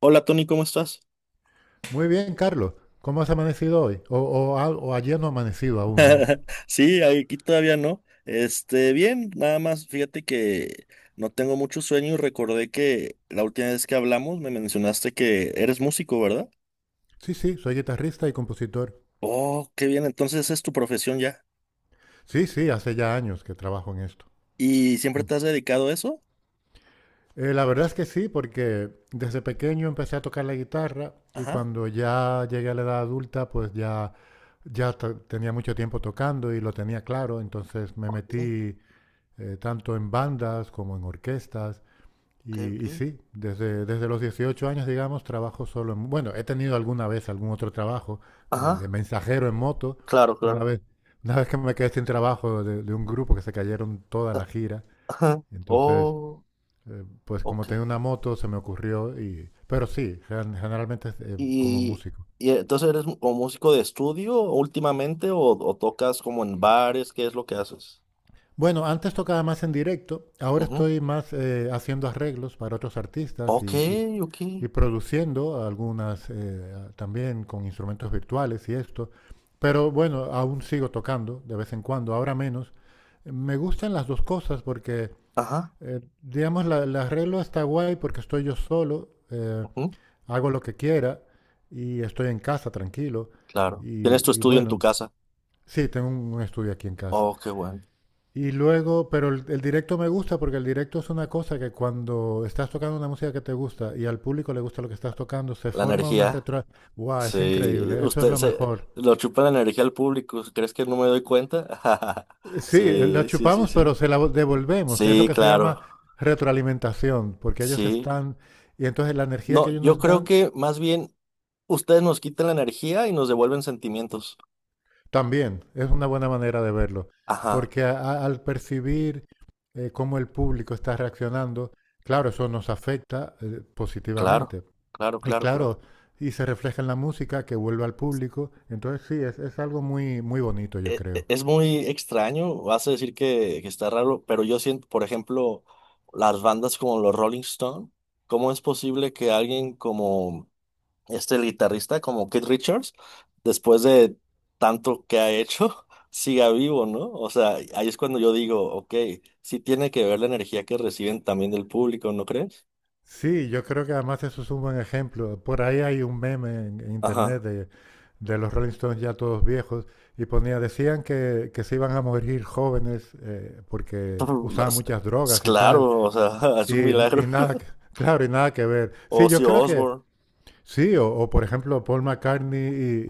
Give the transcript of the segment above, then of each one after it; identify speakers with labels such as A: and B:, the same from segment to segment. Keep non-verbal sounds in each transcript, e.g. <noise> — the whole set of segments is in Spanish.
A: Hola Tony, ¿cómo estás?
B: Muy bien, Carlos. ¿Cómo has amanecido hoy? O, o ayer no ha amanecido aún, ¿no?
A: <laughs> Sí, aquí todavía no. Este, bien, nada más, fíjate que no tengo mucho sueño y recordé que la última vez que hablamos me mencionaste que eres músico, ¿verdad?
B: Sí, sí, soy guitarrista y compositor.
A: Oh, qué bien, entonces esa es tu profesión ya.
B: Sí, sí, hace ya años que trabajo en esto.
A: ¿Y siempre
B: Mm.
A: te has dedicado a eso?
B: La verdad es que sí, porque desde pequeño empecé a tocar la guitarra y
A: Ajá.
B: cuando ya llegué a la edad adulta, pues ya, tenía mucho tiempo tocando y lo tenía claro, entonces me
A: Ok,
B: metí tanto en bandas como en orquestas.
A: ok,
B: Y,
A: ok.
B: y sí, desde los 18 años, digamos, trabajo solo en... Bueno, he tenido alguna vez algún otro trabajo de
A: Ajá,
B: mensajero en moto.
A: claro,
B: Una
A: claro.
B: vez, una vez que me quedé sin trabajo de un grupo que se cayeron toda
A: Ah,
B: la gira.
A: ajá.
B: Entonces,
A: Oh,
B: pues como
A: ok.
B: tenía una moto, se me ocurrió y... Pero sí, generalmente es, como
A: ¿Y,
B: músico.
A: y entonces eres mu- o músico de estudio últimamente o tocas como en bares? ¿Qué es lo que haces?
B: Bueno, antes tocaba más en directo, ahora estoy más haciendo arreglos para otros artistas y,
A: Ok,
B: y-
A: ok.
B: y produciendo algunas también con instrumentos virtuales y esto, pero bueno, aún sigo tocando de vez en cuando, ahora menos. Me gustan las dos cosas porque,
A: Ajá,
B: digamos, la, el arreglo está guay porque estoy yo solo,
A: ujú,
B: hago lo que quiera y estoy en casa tranquilo
A: claro. Tienes tu
B: y
A: estudio en tu
B: bueno,
A: casa.
B: sí, tengo un estudio aquí en casa.
A: Oh, qué bueno.
B: Y luego, pero el directo me gusta porque el directo es una cosa que cuando estás tocando una música que te gusta y al público le gusta lo que estás tocando, se
A: La
B: forma una
A: energía.
B: retro... ¡Wow! Es
A: Sí,
B: increíble, eso es
A: usted
B: lo
A: se
B: mejor.
A: lo chupa la energía al público. ¿Crees que no me doy cuenta? <laughs>
B: Sí, la
A: Sí, sí, sí,
B: chupamos, pero
A: sí.
B: devolvemos. Es lo
A: Sí,
B: que se llama
A: claro.
B: retroalimentación, porque ellos
A: Sí.
B: están... Y entonces la energía
A: No,
B: que ellos
A: yo
B: nos
A: creo
B: dan
A: que más bien ustedes nos quitan la energía y nos devuelven sentimientos.
B: también es una buena manera de verlo,
A: Ajá,
B: porque al percibir cómo el público está reaccionando, claro, eso nos afecta
A: claro,
B: positivamente.
A: claro,
B: Y
A: claro, claro.
B: claro, y se refleja en la música que vuelve al público. Entonces sí, es algo muy, muy bonito, yo
A: e- e-
B: creo.
A: Es muy extraño, vas a decir que está raro, pero yo siento, por ejemplo, las bandas como los Rolling Stone, ¿cómo es posible que alguien como este el guitarrista, como Keith Richards, después de tanto que ha hecho, <laughs> siga vivo, ¿no? O sea, ahí es cuando yo digo, ok, sí tiene que ver la energía que reciben también del público, ¿no crees?
B: Sí, yo creo que además eso es un buen ejemplo. Por ahí hay un meme en internet
A: Ajá.
B: de los Rolling Stones ya todos viejos y ponía, decían que se iban a morir jóvenes porque
A: <laughs>
B: usaban
A: Las-
B: muchas drogas y tal.
A: Claro, o sea, <laughs> es un
B: Y,
A: milagro.
B: y nada, que-
A: <laughs>
B: claro, y nada que ver. Sí, yo
A: Ozzy
B: creo que
A: Osbourne,
B: sí, por ejemplo Paul McCartney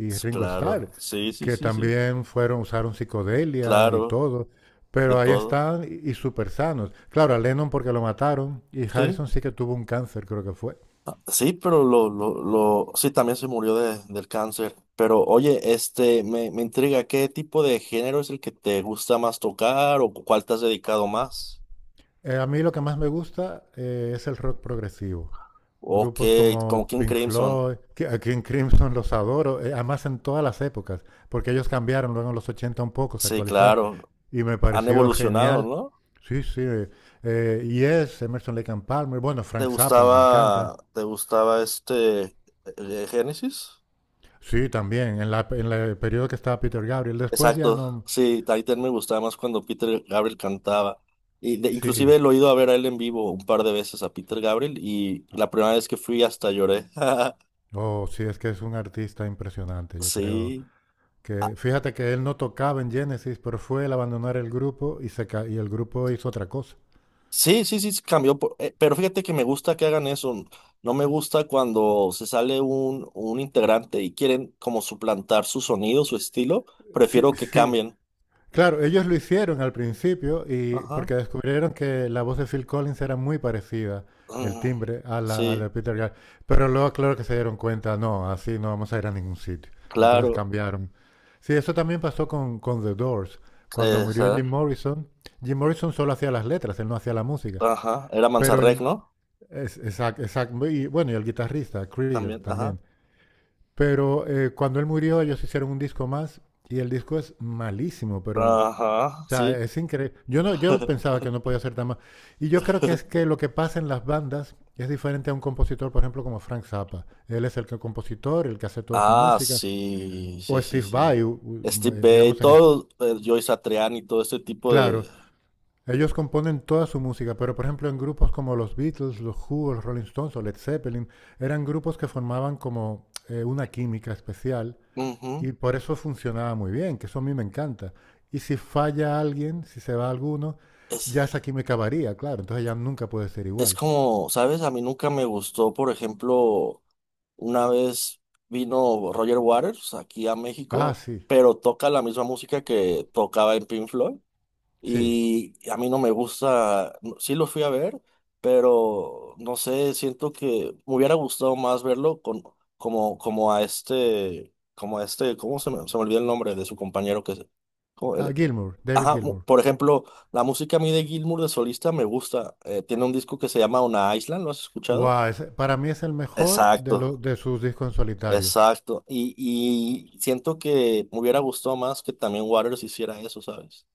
B: y Ringo
A: claro,
B: Starr,
A: sí, sí,
B: que
A: sí, sí,
B: también fueron, usaron psicodelia y
A: claro.
B: todo,
A: De
B: pero ahí
A: todo.
B: están y súper sanos. Claro, a Lennon porque lo mataron y
A: Sí.
B: Harrison sí que tuvo un cáncer, creo que fue.
A: Ah, sí, pero lo, sí, también se murió de, del cáncer. Pero oye, este, me intriga, ¿qué tipo de género es el que te gusta más tocar o cuál te has dedicado más?
B: A mí lo que más me gusta es el rock progresivo.
A: O
B: Grupos
A: como
B: como
A: King
B: Pink
A: Crimson.
B: Floyd, que aquí en Crimson los adoro, además en todas las épocas, porque ellos cambiaron luego en los 80 un poco, se
A: Sí,
B: actualizaron,
A: claro.
B: y me
A: Han
B: pareció
A: evolucionado,
B: genial.
A: ¿no?
B: Sí, sí, Yes, Emerson Lake and Palmer, bueno, Frank Zappa, me encanta.
A: Te gustaba este, Génesis?
B: Sí, también, en la- el periodo que estaba Peter Gabriel, después ya
A: Exacto,
B: no,
A: sí, Titan me gustaba más cuando Peter Gabriel cantaba.
B: sí,
A: Inclusive lo he ido a ver a él en vivo un par de veces a Peter Gabriel y la primera vez que fui hasta lloré. <laughs>
B: oh, sí, es que es un artista impresionante, yo creo
A: Sí. Ah,
B: que, fíjate que él no tocaba en Genesis, pero fue el abandonar el grupo y, y el grupo hizo otra cosa.
A: sí, sí, sí, sí, cambió. Pero fíjate que me gusta que hagan eso. No me gusta cuando se sale un integrante y quieren como suplantar su sonido, su estilo. Prefiero
B: Sí,
A: que
B: sí.
A: cambien.
B: Claro, ellos lo hicieron al principio y
A: Ajá.
B: porque descubrieron que la voz de Phil Collins era muy parecida, el
A: Mm,
B: timbre, a la
A: sí,
B: de Peter Gabriel. Pero luego, claro que se dieron cuenta, no, así no vamos a ir a ningún sitio. Y entonces
A: claro.
B: cambiaron. Sí, eso también pasó con The Doors. Cuando murió Jim
A: Esa,
B: Morrison, Jim Morrison solo hacía las letras, él no hacía la música.
A: ajá. Era
B: Pero
A: Manzarek,
B: él,
A: ¿no?
B: es, y bueno, y el guitarrista, Krieger
A: También, ajá.
B: también. Pero cuando él murió, ellos hicieron un disco más y el disco es malísimo, pero o
A: Ajá,
B: sea,
A: sí.
B: es increíble. Yo no, yo pensaba
A: <laughs>
B: que no podía ser tan mal. Y yo creo que es que lo que pasa en las bandas es diferente a un compositor, por ejemplo, como Frank Zappa. Él es el que compositor, el que hace toda su
A: Ah,
B: música.
A: sí,
B: O
A: sí, sí,
B: Steve
A: sí.
B: Vai,
A: Steve Bay,
B: digamos en... es-
A: todo, Joey Satriani y todo este tipo de...
B: Claro, ellos componen toda su música, pero por ejemplo en grupos como los Beatles, los Who, los Rolling Stones o Led Zeppelin, eran grupos que formaban como una química especial.
A: Ujú.
B: Y por eso funcionaba muy bien, que eso a mí me encanta. Y si falla alguien, si se va alguno,
A: Es,
B: ya esa química varía, claro. Entonces ya nunca puede ser
A: es
B: igual.
A: como, ¿sabes? A mí nunca me gustó, por ejemplo, una vez vino Roger Waters aquí a
B: Ah,
A: México,
B: sí,
A: pero toca la misma música que tocaba en Pink Floyd.
B: sí.
A: Y a mí no me gusta, sí lo fui a ver, pero no sé, siento que me hubiera gustado más verlo con, como, como a este, ¿cómo se me olvidó el nombre de su compañero ¿cómo
B: Ah, Gilmour, David
A: ajá,
B: Gilmour.
A: por ejemplo, la música a mí de Gilmour de solista me gusta. Tiene un disco que se llama Una Island, ¿lo has escuchado?
B: Wow, ese- para mí es el mejor de, lo-
A: Exacto,
B: de sus discos en solitario.
A: exacto. Y siento que me hubiera gustado más que también Waters hiciera eso, ¿sabes?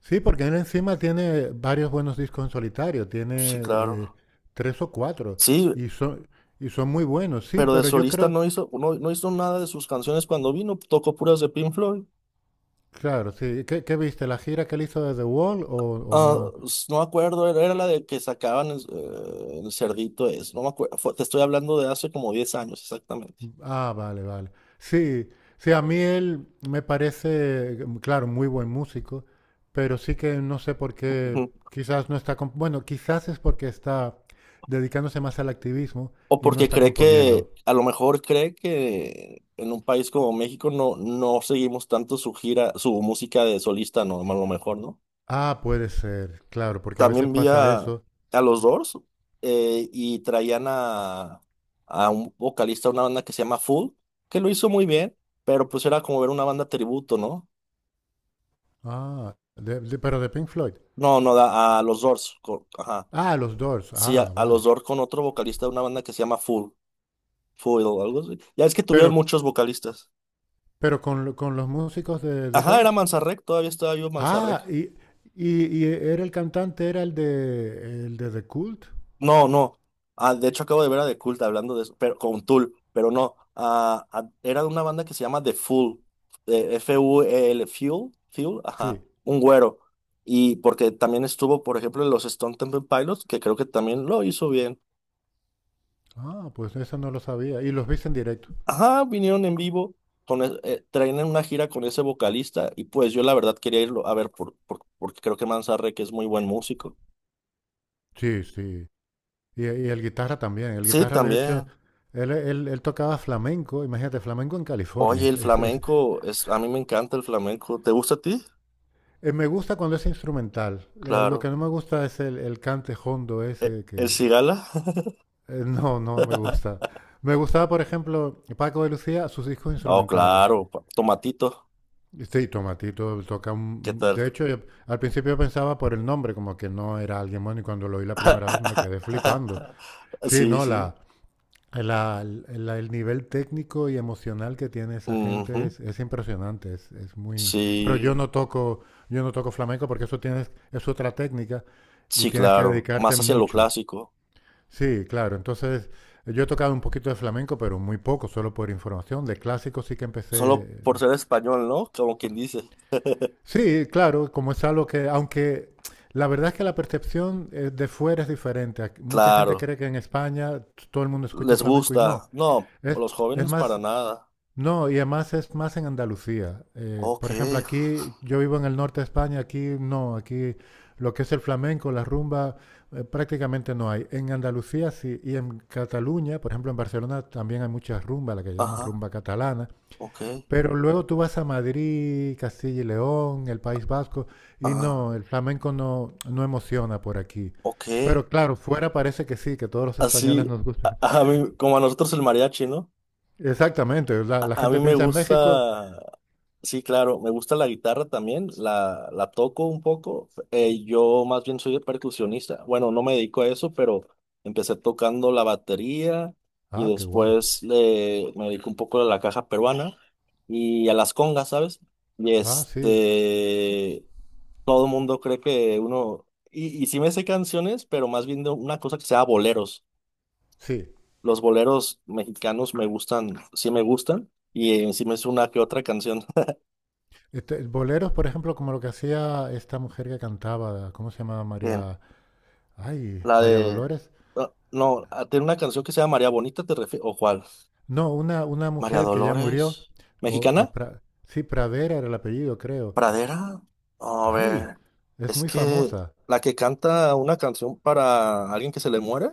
B: Sí, porque él encima tiene varios buenos discos en solitario. Tiene
A: Sí,
B: eh,
A: claro.
B: tres o cuatro.
A: Sí,
B: Y son, y son muy buenos, sí,
A: pero de
B: pero yo
A: solista
B: creo...
A: no hizo, no hizo nada de sus canciones cuando vino, tocó puras de Pink Floyd.
B: Claro, sí. ¿Qué, qué viste? ¿La gira que él hizo de The Wall o
A: Ah,
B: no?
A: no me acuerdo, era, era la de que sacaban el cerdito es, no me acuerdo, te estoy hablando de hace como 10 años exactamente.
B: Ah, vale, vale. Sí, sí, a mí él me parece, mm, claro, muy buen músico, pero sí que no sé por qué,
A: Ujú.
B: quizás no está, bueno, quizás es porque está dedicándose más al activismo
A: O
B: y no
A: porque
B: está
A: cree que,
B: componiendo.
A: a lo mejor cree que en un país como México no, no seguimos tanto su gira, su música de solista, no, a lo mejor, ¿no?
B: Ah, puede ser, claro, porque a veces
A: También vi
B: pasa eso.
A: a los Doors y traían a un vocalista de una banda que se llama Full, que lo hizo muy bien, pero pues era como ver una banda tributo, ¿no?
B: Ah, pero de Pink Floyd.
A: No, no, a los Doors, ajá.
B: Ah, los Doors.
A: Sí,
B: Ah,
A: a los
B: vale.
A: Doors con otro vocalista de una banda que se llama Full, Full o algo así. Ya es que
B: Pero,
A: tuvieron muchos vocalistas.
B: pero con, lo- con los músicos de
A: Ajá, era
B: Doors.
A: Manzarek, todavía estaba vivo Manzarek.
B: Ah, y era el cantante, era el de The Cult.
A: No, no. Ah, de hecho, acabo de ver a The Cult hablando de eso, pero con Tool, pero no. Ah, ah, era de una banda que se llama The Fool, FUEL, Fuel, Fuel, ajá,
B: Sí.
A: un güero. Y porque también estuvo, por ejemplo, en los Stone Temple Pilots, que creo que también lo hizo bien.
B: Ah, pues eso no lo sabía. Y los viste en directo.
A: Ajá, vinieron en vivo, traían una gira con ese vocalista, y pues yo la verdad quería irlo a ver, porque creo que Manzarre, que es muy buen músico.
B: Sí, sí. Y el guitarra también. El
A: Sí,
B: guitarra, de hecho,
A: también.
B: él, él tocaba flamenco. Imagínate, flamenco en
A: Oye,
B: California.
A: el
B: Es-
A: flamenco, es, a mí me encanta el flamenco. ¿Te gusta a ti?
B: me gusta cuando es instrumental. Lo
A: Claro.
B: que no me gusta es el cante hondo ese
A: El
B: que...
A: cigala?
B: no, no me
A: <laughs>
B: gusta. Me gustaba, por ejemplo, Paco de Lucía, sus discos
A: Oh,
B: instrumentales.
A: claro, tomatito,
B: Sí, Tomatito toca
A: ¿qué
B: un...
A: tal?
B: De hecho, yo- al principio pensaba por el nombre, como que no era alguien bueno, y cuando lo oí la primera vez me quedé flipando.
A: <laughs>
B: Sí,
A: Sí,
B: no,
A: sí.
B: la, el nivel técnico y emocional que tiene esa gente
A: Ujú.
B: es impresionante, es muy... Pero
A: Sí,
B: yo no toco flamenco porque eso tienes, es otra técnica y
A: sí,
B: tienes que
A: claro,
B: dedicarte
A: más hacia lo
B: mucho.
A: clásico,
B: Sí, claro. Entonces, yo he tocado un poquito de flamenco, pero muy poco, solo por información. De clásico sí que
A: solo
B: empecé.
A: por ser español, ¿no? Como quien dice.
B: Sí, claro, como es algo que, aunque la verdad es que la percepción de fuera es diferente. Mucha gente
A: Claro,
B: cree que en España todo el mundo escucha
A: les
B: flamenco y no.
A: gusta. No,
B: Es,
A: los
B: es
A: jóvenes para
B: más
A: nada.
B: no, y además es más en Andalucía.
A: Ok,
B: Por ejemplo, aquí yo vivo en el norte de España, aquí no, aquí lo que es el flamenco, la rumba, prácticamente no hay. En Andalucía sí, y en Cataluña, por ejemplo, en Barcelona también hay muchas rumbas, la que llaman
A: ajá,
B: rumba catalana.
A: ok,
B: Pero luego tú vas a Madrid, Castilla y León, el País Vasco, y
A: ajá,
B: no, el flamenco no, no emociona por aquí.
A: ok.
B: Pero claro, fuera parece que sí, que todos los españoles
A: Así,
B: nos gustan.
A: a
B: <laughs>
A: mí, como a nosotros el mariachi, ¿no?
B: Exactamente, la, la
A: A
B: gente
A: mí me
B: piensa en México,
A: gusta, sí, claro, me gusta la guitarra también, la toco un poco. Yo más bien soy percusionista. Bueno, no me dedico a eso, pero empecé tocando la batería y
B: ah, qué guay.
A: me dedico un poco a la caja peruana y a las congas, ¿sabes? Y
B: Ah, sí,
A: este, todo el mundo cree que uno, y sí me sé canciones, pero más bien de una cosa que sea boleros.
B: sí.
A: Los boleros mexicanos me gustan, sí me gustan, y encima es una que otra canción.
B: Este, boleros, por ejemplo, como lo que hacía esta mujer que cantaba, ¿cómo se llamaba
A: <laughs> Bien,
B: María? Ay,
A: la
B: María
A: de.
B: Dolores.
A: Ah, no, ah, tiene una canción que se llama María Bonita, ¿te refieres? ¿O cuál?
B: No, una
A: María
B: mujer que ya murió.
A: Dolores.
B: o, eh,
A: ¿Mexicana?
B: Pra- sí, Pradera era el apellido, creo.
A: ¿Pradera? No. A
B: Ay,
A: ver,
B: es
A: es
B: muy
A: que
B: famosa.
A: la que canta una canción para alguien que se le muere.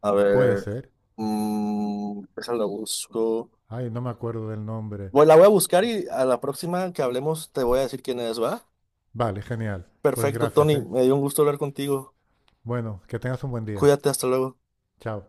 A: A
B: Puede
A: ver,
B: ser.
A: mm, esa la busco.
B: Ay, no me acuerdo del nombre.
A: Bueno, la voy a buscar y a la próxima que hablemos te voy a decir quién es, ¿va?
B: Vale, genial. Pues
A: Perfecto,
B: gracias,
A: Tony,
B: ¿eh?
A: me dio un gusto hablar contigo.
B: Bueno, que tengas un buen día.
A: Cuídate, hasta luego.
B: Chao.